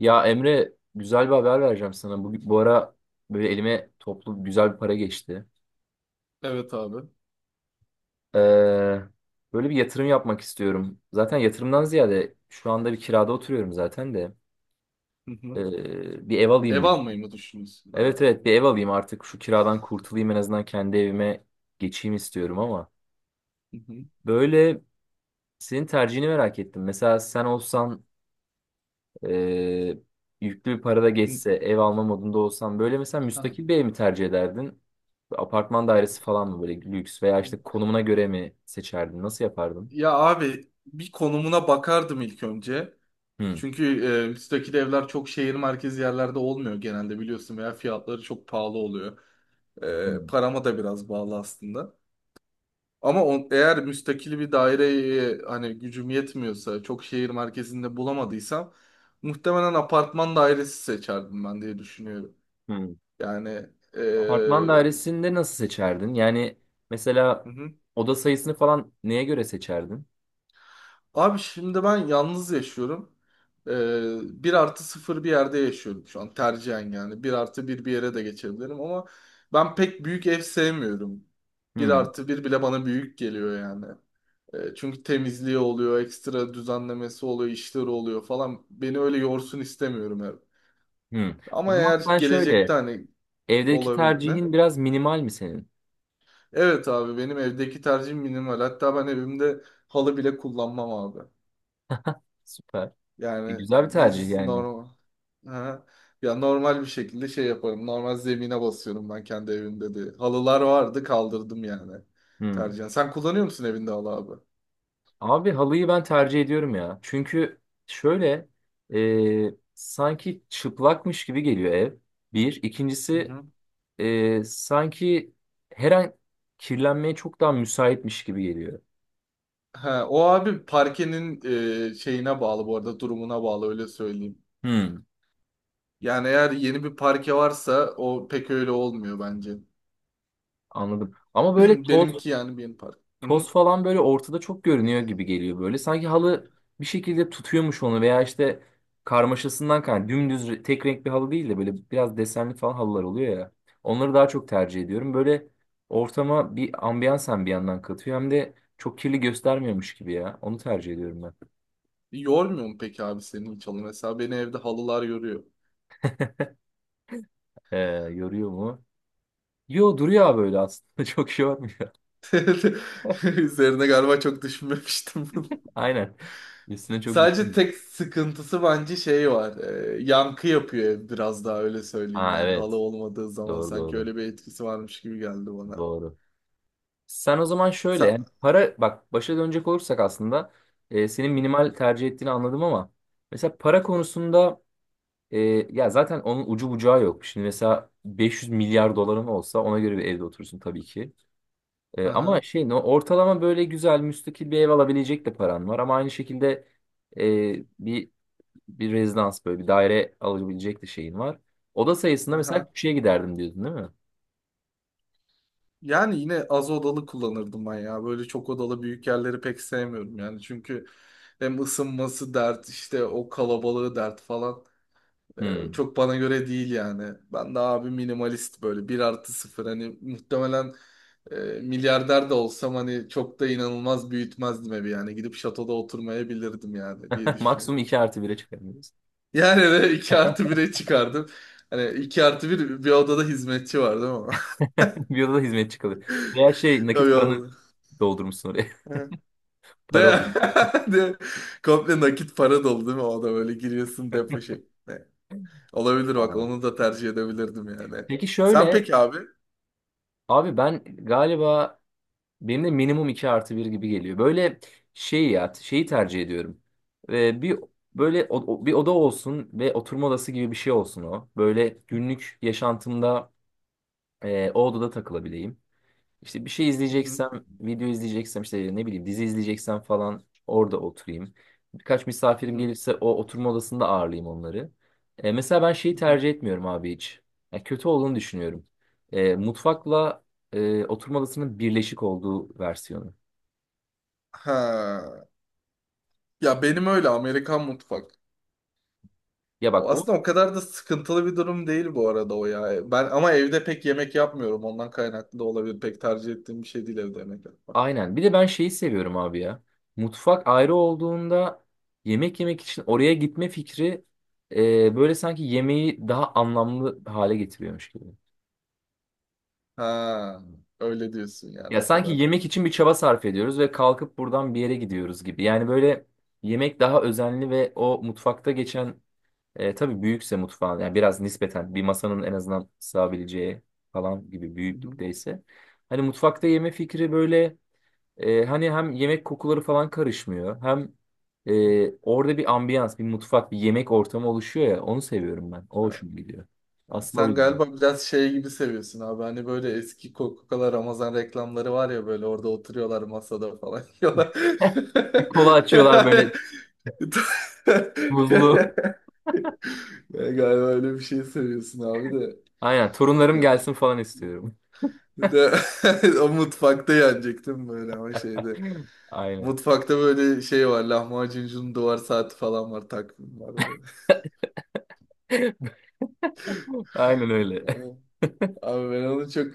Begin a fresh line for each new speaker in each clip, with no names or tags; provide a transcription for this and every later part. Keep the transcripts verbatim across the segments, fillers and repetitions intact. Ya Emre, güzel bir haber vereceğim sana. Bu, bu ara böyle elime toplu güzel bir para geçti.
Evet abi.
Ee, Böyle bir yatırım yapmak istiyorum. Zaten yatırımdan ziyade şu anda bir kirada oturuyorum zaten de.
Hı hı.
Ee, bir ev
Ev
alayım bir.
almayı mı düşünüyorsun? Ha.
Evet evet, bir ev alayım artık, şu kiradan kurtulayım, en azından kendi evime geçeyim istiyorum ama.
Hı hı.
Böyle senin tercihini merak ettim. Mesela sen olsan, Ee, yüklü bir para da
Hı.
geçse, ev alma modunda olsan, böyle mesela
Ha.
müstakil bir ev mi tercih ederdin? Apartman dairesi falan mı, böyle lüks, veya
Hı.
işte konumuna göre mi seçerdin? Nasıl yapardın?
Ya abi bir konumuna bakardım ilk önce.
Hmm.
Çünkü e, müstakil evler çok şehir merkezi yerlerde olmuyor genelde biliyorsun veya fiyatları çok pahalı oluyor. E,
Hmm.
parama da biraz bağlı aslında. Ama on, eğer müstakil bir daireye hani gücüm yetmiyorsa çok şehir merkezinde bulamadıysam muhtemelen apartman dairesi seçerdim ben diye düşünüyorum.
Hmm.
Yani.
Apartman
e,
dairesinde nasıl seçerdin? Yani mesela
Hı hı.
oda sayısını falan neye göre seçerdin?
Abi şimdi ben yalnız yaşıyorum. Ee, bir artı sıfır bir yerde yaşıyorum şu an tercihen yani. Bir artı bir bir yere de geçebilirim ama ben pek büyük ev sevmiyorum. Bir
Hmm.
artı bir bile bana büyük geliyor yani. Ee, çünkü temizliği oluyor, ekstra düzenlemesi oluyor, işleri oluyor falan. Beni öyle yorsun istemiyorum ev.
Hmm. O
Ama
zaman
eğer
sen
gelecekte
şöyle,
hani
evdeki
olabilir ne?
tercihin biraz minimal mi senin?
Evet abi benim evdeki tercihim minimal. Hatta ben evimde halı bile kullanmam abi.
Süper. E,
Yani
güzel bir tercih
düz
yani.
normal. Ha. Ya normal bir şekilde şey yaparım. Normal zemine basıyorum ben kendi evimde de. Halılar vardı kaldırdım yani.
Hmm.
Tercihen. Sen kullanıyor musun evinde halı abi?
Abi halıyı ben tercih ediyorum ya. Çünkü şöyle, e, sanki çıplakmış gibi geliyor ev. Bir.
Hı
İkincisi,
hı.
e, sanki her an kirlenmeye çok daha müsaitmiş gibi geliyor.
Ha, o abi parkenin e, şeyine bağlı bu arada durumuna bağlı öyle söyleyeyim.
Hmm.
Yani eğer yeni bir parke varsa o pek öyle olmuyor bence.
Anladım. Ama böyle toz
Benimki yani benim park. Hı hı.
Toz falan böyle ortada çok görünüyor gibi geliyor böyle. Sanki halı bir şekilde tutuyormuş onu, veya işte karmaşasından kaynaklı. Dümdüz re- tek renk bir halı değil de böyle biraz desenli falan halılar oluyor ya. Onları daha çok tercih ediyorum. Böyle ortama bir ambiyans hem bir yandan katıyor, hem de çok kirli göstermiyormuş gibi ya. Onu tercih ediyorum ben.
Yormuyor mu peki abi senin hiç halı? Mesela beni evde halılar yoruyor.
Ee, Yoruyor mu? Yo, duruyor abi öyle aslında. Çok şey olmuyor.
Üzerine galiba çok düşünmemiştim.
Aynen. Üstüne çok
Sadece
düşünmüyorum.
tek sıkıntısı bence şey var. E, yankı yapıyor ev biraz daha öyle söyleyeyim
Ha
yani. Halı
evet.
olmadığı zaman
Doğru
sanki
doğru.
öyle bir etkisi varmış gibi geldi bana.
Doğru. Sen o zaman şöyle,
Sa
yani para, bak başa dönecek olursak aslında, e, senin
Hı hı.
minimal tercih ettiğini anladım, ama mesela para konusunda, e, ya zaten onun ucu bucağı yok. Şimdi mesela beş yüz milyar doların olsa ona göre bir evde oturursun tabii ki. E, ama
Aha,
şey no, ortalama böyle güzel müstakil bir ev alabilecek de paran var, ama aynı şekilde, e, bir bir rezidans, böyle bir daire alabilecek de şeyin var. Oda sayısında mesela
aha.
küçüğe giderdim diyordun değil mi?
Yani yine az odalı kullanırdım ben ya. Böyle çok odalı büyük yerleri pek sevmiyorum yani. Çünkü hem ısınması dert işte o kalabalığı dert falan. Ee,
Hmm.
Çok bana göre değil yani. Ben de abi minimalist böyle bir artı sıfır hani muhtemelen e, milyarder de olsam hani çok da inanılmaz büyütmezdim evi yani. Gidip şatoda oturmayabilirdim yani diye
Maksimum
düşünüyorum.
iki artı bire çıkardım.
Yani de iki artı bire çıkardım. Hani iki artı 1 bir odada hizmetçi var değil mi?
Bir odada hizmetçi kalıyor. Veya şey,
Tabii
nakit paranı
odada.
doldurmuşsun oraya.
Evet. De,
Para olur.
de, komple nakit para dolu değil mi? O da böyle giriyorsun depo şeklinde. Olabilir bak
Aynen.
onu da tercih edebilirdim yani.
Peki
Sen
şöyle,
peki abi?
abi ben galiba, benim de minimum iki artı bir gibi geliyor. Böyle şey ya, şeyi tercih ediyorum. Ee, bir böyle o- o- bir oda olsun ve oturma odası gibi bir şey olsun o. Böyle günlük yaşantımda, e, o odada takılabileyim. İşte bir şey
Hı
izleyeceksem, video izleyeceksem, işte ne bileyim dizi izleyeceksem falan, orada oturayım. Birkaç misafirim
hı.
gelirse o oturma odasında ağırlayayım onları. E, mesela ben şeyi
Hı hı.
tercih etmiyorum abi hiç. Yani kötü olduğunu düşünüyorum. E, mutfakla, e, oturma odasının birleşik olduğu versiyonu.
Ha. Ya benim öyle Amerikan mutfak.
Ya
O
bak o,
aslında o kadar da sıkıntılı bir durum değil bu arada o ya. Ben ama evde pek yemek yapmıyorum. Ondan kaynaklı da olabilir. Pek tercih ettiğim bir şey değil evde yemek yapmak.
aynen. Bir de ben şeyi seviyorum abi ya. Mutfak ayrı olduğunda yemek yemek için oraya gitme fikri, e, böyle sanki yemeği daha anlamlı hale getiriyormuş gibi.
Ha. Öyle diyorsun yani
Ya
o
sanki
kadar.
yemek için bir çaba sarf ediyoruz ve kalkıp buradan bir yere gidiyoruz gibi. Yani böyle yemek daha özenli, ve o mutfakta geçen, e, tabii büyükse mutfağın, yani biraz nispeten bir masanın en azından sığabileceği falan gibi
Hı hı.
büyüklükteyse. Hani mutfakta yeme fikri böyle, e, hani hem yemek kokuları falan karışmıyor, hem, e, orada bir ambiyans, bir mutfak, bir yemek ortamı oluşuyor ya, onu seviyorum ben. O
Ha.
hoşuma gidiyor. Aslında o
Sen
yüzden.
galiba biraz şey gibi seviyorsun abi. Hani böyle eski Coca-Cola Ramazan reklamları var ya böyle orada oturuyorlar masada falan yiyorlar.
Bir kola açıyorlar böyle, buzlu.
Ben galiba öyle bir şey seviyorsun abi de.
Aynen, torunlarım
Yani
gelsin falan istiyorum.
bir de o mutfakta yenecektim böyle ama şeyde.
Aynen.
Mutfakta böyle şey var. Lahmacuncunun duvar saati falan var. Takvim var böyle.
Aynen öyle.
Yani, abi ben onu çok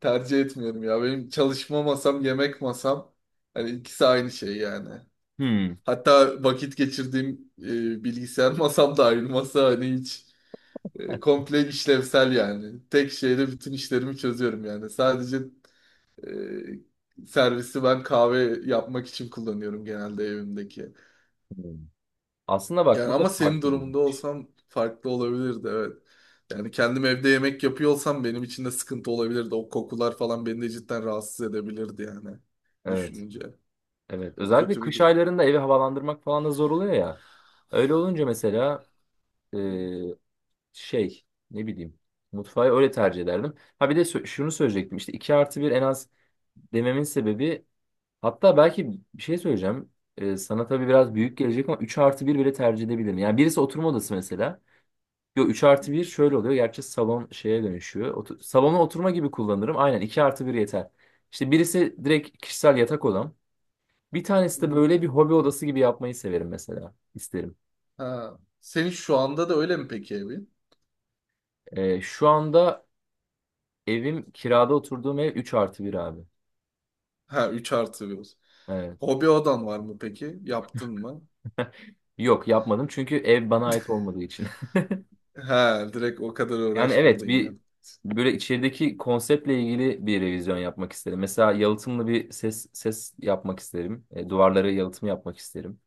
tercih etmiyorum ya. Benim çalışma masam, yemek masam. Hani ikisi aynı şey yani.
Hmm.
Hatta vakit geçirdiğim e, bilgisayar masam da aynı masa. Hani hiç e, komple işlevsel yani. Tek şeyle bütün işlerimi çözüyorum yani. Sadece Ee, servisi ben kahve yapmak için kullanıyorum genelde evimdeki.
Hmm. Aslında
Yani
bak, bu
ama
da
senin
farklı bir
durumunda
bakış.
olsam farklı olabilirdi evet. Yani kendim evde yemek yapıyor olsam benim için de sıkıntı olabilirdi. O kokular falan beni de cidden rahatsız edebilirdi yani
Evet.
düşününce.
Evet.
O
Özellikle
kötü bir
kış
durum.
aylarında evi havalandırmak falan da zor oluyor ya. Öyle olunca mesela, e,
Hı
şey, ne bileyim, mutfağı öyle tercih ederdim. Ha bir de sö- şunu söyleyecektim, işte iki artı bir en az dememin sebebi, hatta belki bir şey söyleyeceğim. E, sana tabii biraz
hı,
büyük gelecek ama üç artı bir bile tercih edebilirim. Yani birisi oturma odası mesela. Yo üç artı bir şöyle oluyor. Gerçi salon şeye dönüşüyor. Otu- salona oturma gibi kullanırım. Aynen iki artı bir yeter. İşte birisi direkt kişisel yatak odam. Bir tanesi
hı
de
hı.
böyle bir hobi odası gibi yapmayı severim mesela. İsterim.
Ha. Senin şu anda da öyle mi peki evin?
Ee, şu anda evim, kirada oturduğum ev üç artı bir abi.
Ha üç artı bir olsun.
Evet.
Hobi odan var mı peki? Yaptın mı?
Yok, yapmadım çünkü ev bana ait olmadığı için.
Ha direkt o kadar
Yani evet,
uğraşmadın ya.
bir böyle içerideki konseptle ilgili bir revizyon yapmak isterim. Mesela yalıtımlı bir ses ses yapmak isterim. E, duvarları yalıtım yapmak isterim.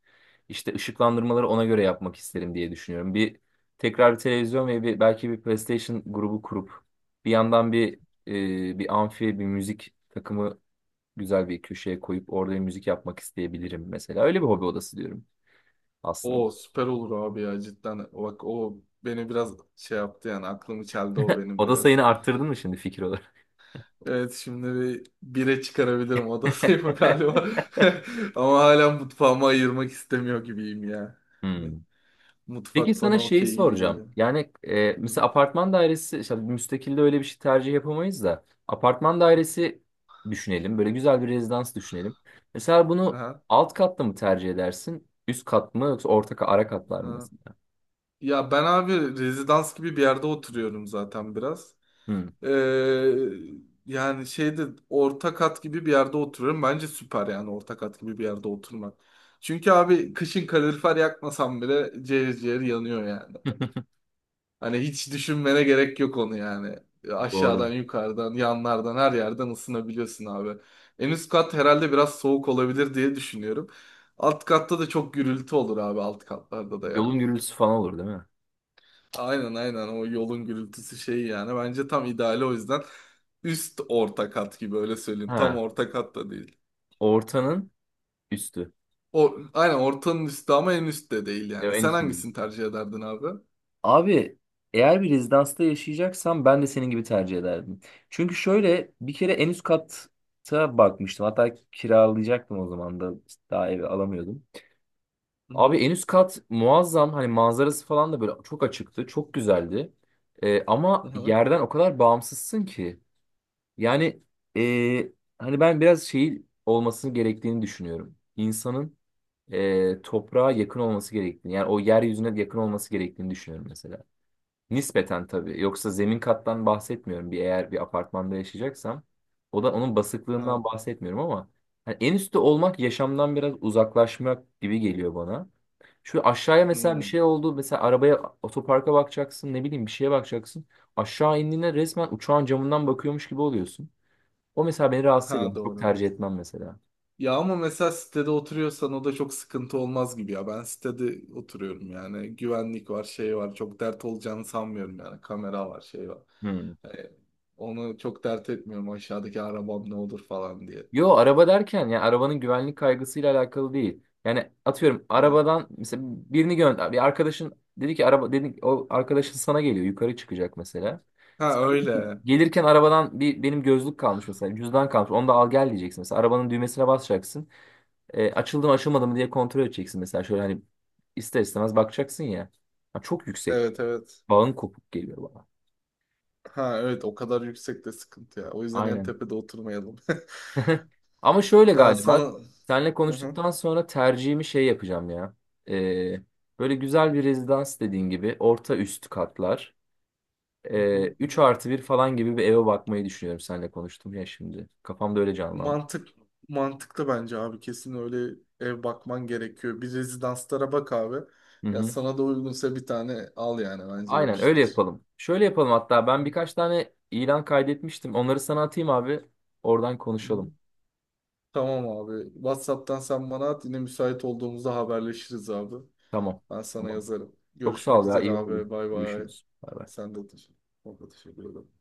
İşte ışıklandırmaları ona göre yapmak isterim diye düşünüyorum. Bir tekrar bir televizyon ve bir, belki bir PlayStation grubu kurup, bir yandan bir, e, bir amfi, bir müzik takımı güzel bir köşeye koyup orada bir müzik yapmak isteyebilirim mesela. Öyle bir hobi odası diyorum
O
aslında.
süper olur abi ya cidden. Bak o beni biraz şey yaptı yani aklımı çeldi o benim
Oda
biraz.
sayını arttırdın mı şimdi fikir olarak?
Evet şimdi bir bire çıkarabilirim oda sayımı galiba. Ama hala mutfağımı ayırmak istemiyor gibiyim ya. Hani
Hmm. Peki
mutfak
sana
bana
şeyi
okey gibi
soracağım.
geliyor.
Yani, e,
Hı.
mesela apartman dairesi, işte müstakilde öyle bir şey tercih yapamayız da, apartman dairesi düşünelim. Böyle güzel bir rezidans düşünelim. Mesela bunu
Aha.
alt katta mı tercih edersin? Üst kat mı, yoksa orta ka- ara katlar mı
Aha.
mesela?
Ya ben abi rezidans gibi bir yerde oturuyorum zaten biraz.
Hı,
Ee, Yani şeyde orta kat gibi bir yerde oturuyorum. Bence süper yani orta kat gibi bir yerde oturmak. Çünkü abi kışın kalorifer yakmasam bile ciğer ciğer yanıyor yani. Hani hiç düşünmene gerek yok onu yani. Aşağıdan,
doğru.
yukarıdan, yanlardan her yerden ısınabiliyorsun abi. En üst kat herhalde biraz soğuk olabilir diye düşünüyorum. Alt katta da çok gürültü olur abi alt katlarda da ya.
Yolun gürültüsü falan olur değil mi?
Aynen aynen o yolun gürültüsü şeyi yani bence tam ideali o yüzden üst orta kat gibi öyle söyleyeyim tam
Ha,
orta kat da değil.
ortanın üstü.
O, aynen ortanın üstü ama en üst de değil
Ya
yani.
en
Sen
üstü.
hangisini tercih ederdin abi?
Abi eğer bir rezidansta yaşayacaksam ben de senin gibi tercih ederdim. Çünkü şöyle, bir kere en üst kata bakmıştım. Hatta kiralayacaktım o zaman da, daha evi alamıyordum. Abi
Hı-hı.
en üst kat muazzam, hani manzarası falan da böyle çok açıktı. Çok güzeldi. Ee, ama
Hı-hı.
yerden o kadar bağımsızsın ki. Yani, ee, hani ben biraz şey olmasını gerektiğini düşünüyorum. İnsanın, ee, toprağa yakın olması gerektiğini. Yani o yeryüzüne yakın olması gerektiğini düşünüyorum mesela. Nispeten tabii. Yoksa zemin kattan bahsetmiyorum. Bir, eğer bir apartmanda yaşayacaksam, o da onun
Ha,
basıklığından bahsetmiyorum ama hani en üstte olmak yaşamdan biraz uzaklaşmak gibi geliyor bana. Şu aşağıya mesela bir
hmm.
şey oldu. Mesela arabaya, otoparka bakacaksın, ne bileyim bir şeye bakacaksın. Aşağı indiğinde resmen uçağın camından bakıyormuş gibi oluyorsun. O mesela beni rahatsız ediyor.
Ha,
Çok
doğru.
tercih etmem mesela.
Ya ama mesela sitede oturuyorsan o da çok sıkıntı olmaz gibi ya. Ben sitede oturuyorum yani. Güvenlik var, şey var. Çok dert olacağını sanmıyorum yani. Kamera var, şey var.
Hmm.
Ee, Onu çok dert etmiyorum aşağıdaki arabam ne olur falan diye.
Yo, araba derken yani arabanın güvenlik kaygısıyla alakalı değil. Yani atıyorum, arabadan mesela birini gönder. Bir arkadaşın dedi ki, araba dedi ki, o arkadaşın sana geliyor, yukarı çıkacak mesela.
Ha
Sen dedin ki,
öyle.
gelirken arabadan bir, benim gözlük kalmış mesela, cüzdan kalmış, onu da al gel diyeceksin mesela, arabanın düğmesine basacaksın. E, açıldı mı, açılmadı mı diye kontrol edeceksin mesela şöyle, hani ister istemez bakacaksın ya. Ha, çok yüksek
Evet evet.
bağın kopuk geliyor bana.
Ha evet o kadar yüksekte sıkıntı ya. O yüzden en
Aynen.
tepede oturmayalım.
Ama şöyle
Ya sana
galiba senle
Hı hı.
konuştuktan sonra tercihimi şey yapacağım ya. Ee, Böyle güzel bir rezidans dediğin gibi orta üst katlar.
Hı
Ee,
hı.
üç artı bir falan gibi bir eve bakmayı düşünüyorum, senle konuştum ya şimdi. Kafamda öyle canlandı.
mantık mantıklı bence abi. Kesin öyle ev bakman gerekiyor. Bir rezidanslara bak abi.
Hı
Ya
hı.
sana da uygunsa bir tane al yani bence
Aynen öyle
yapıştır.
yapalım. Şöyle yapalım, hatta ben
Hı
birkaç tane ilan kaydetmiştim. Onları sana atayım abi. Oradan
hı.
konuşalım.
Tamam abi. WhatsApp'tan sen bana at. Yine müsait olduğumuzda haberleşiriz abi.
Tamam.
Ben sana
Tamam.
yazarım.
Çok sağ
Görüşmek
ol ya,
üzere
iyi oldu.
abi. Bay bay.
Görüşürüz. Bay bay.
Sen de teşekkür, ben de teşekkür ederim.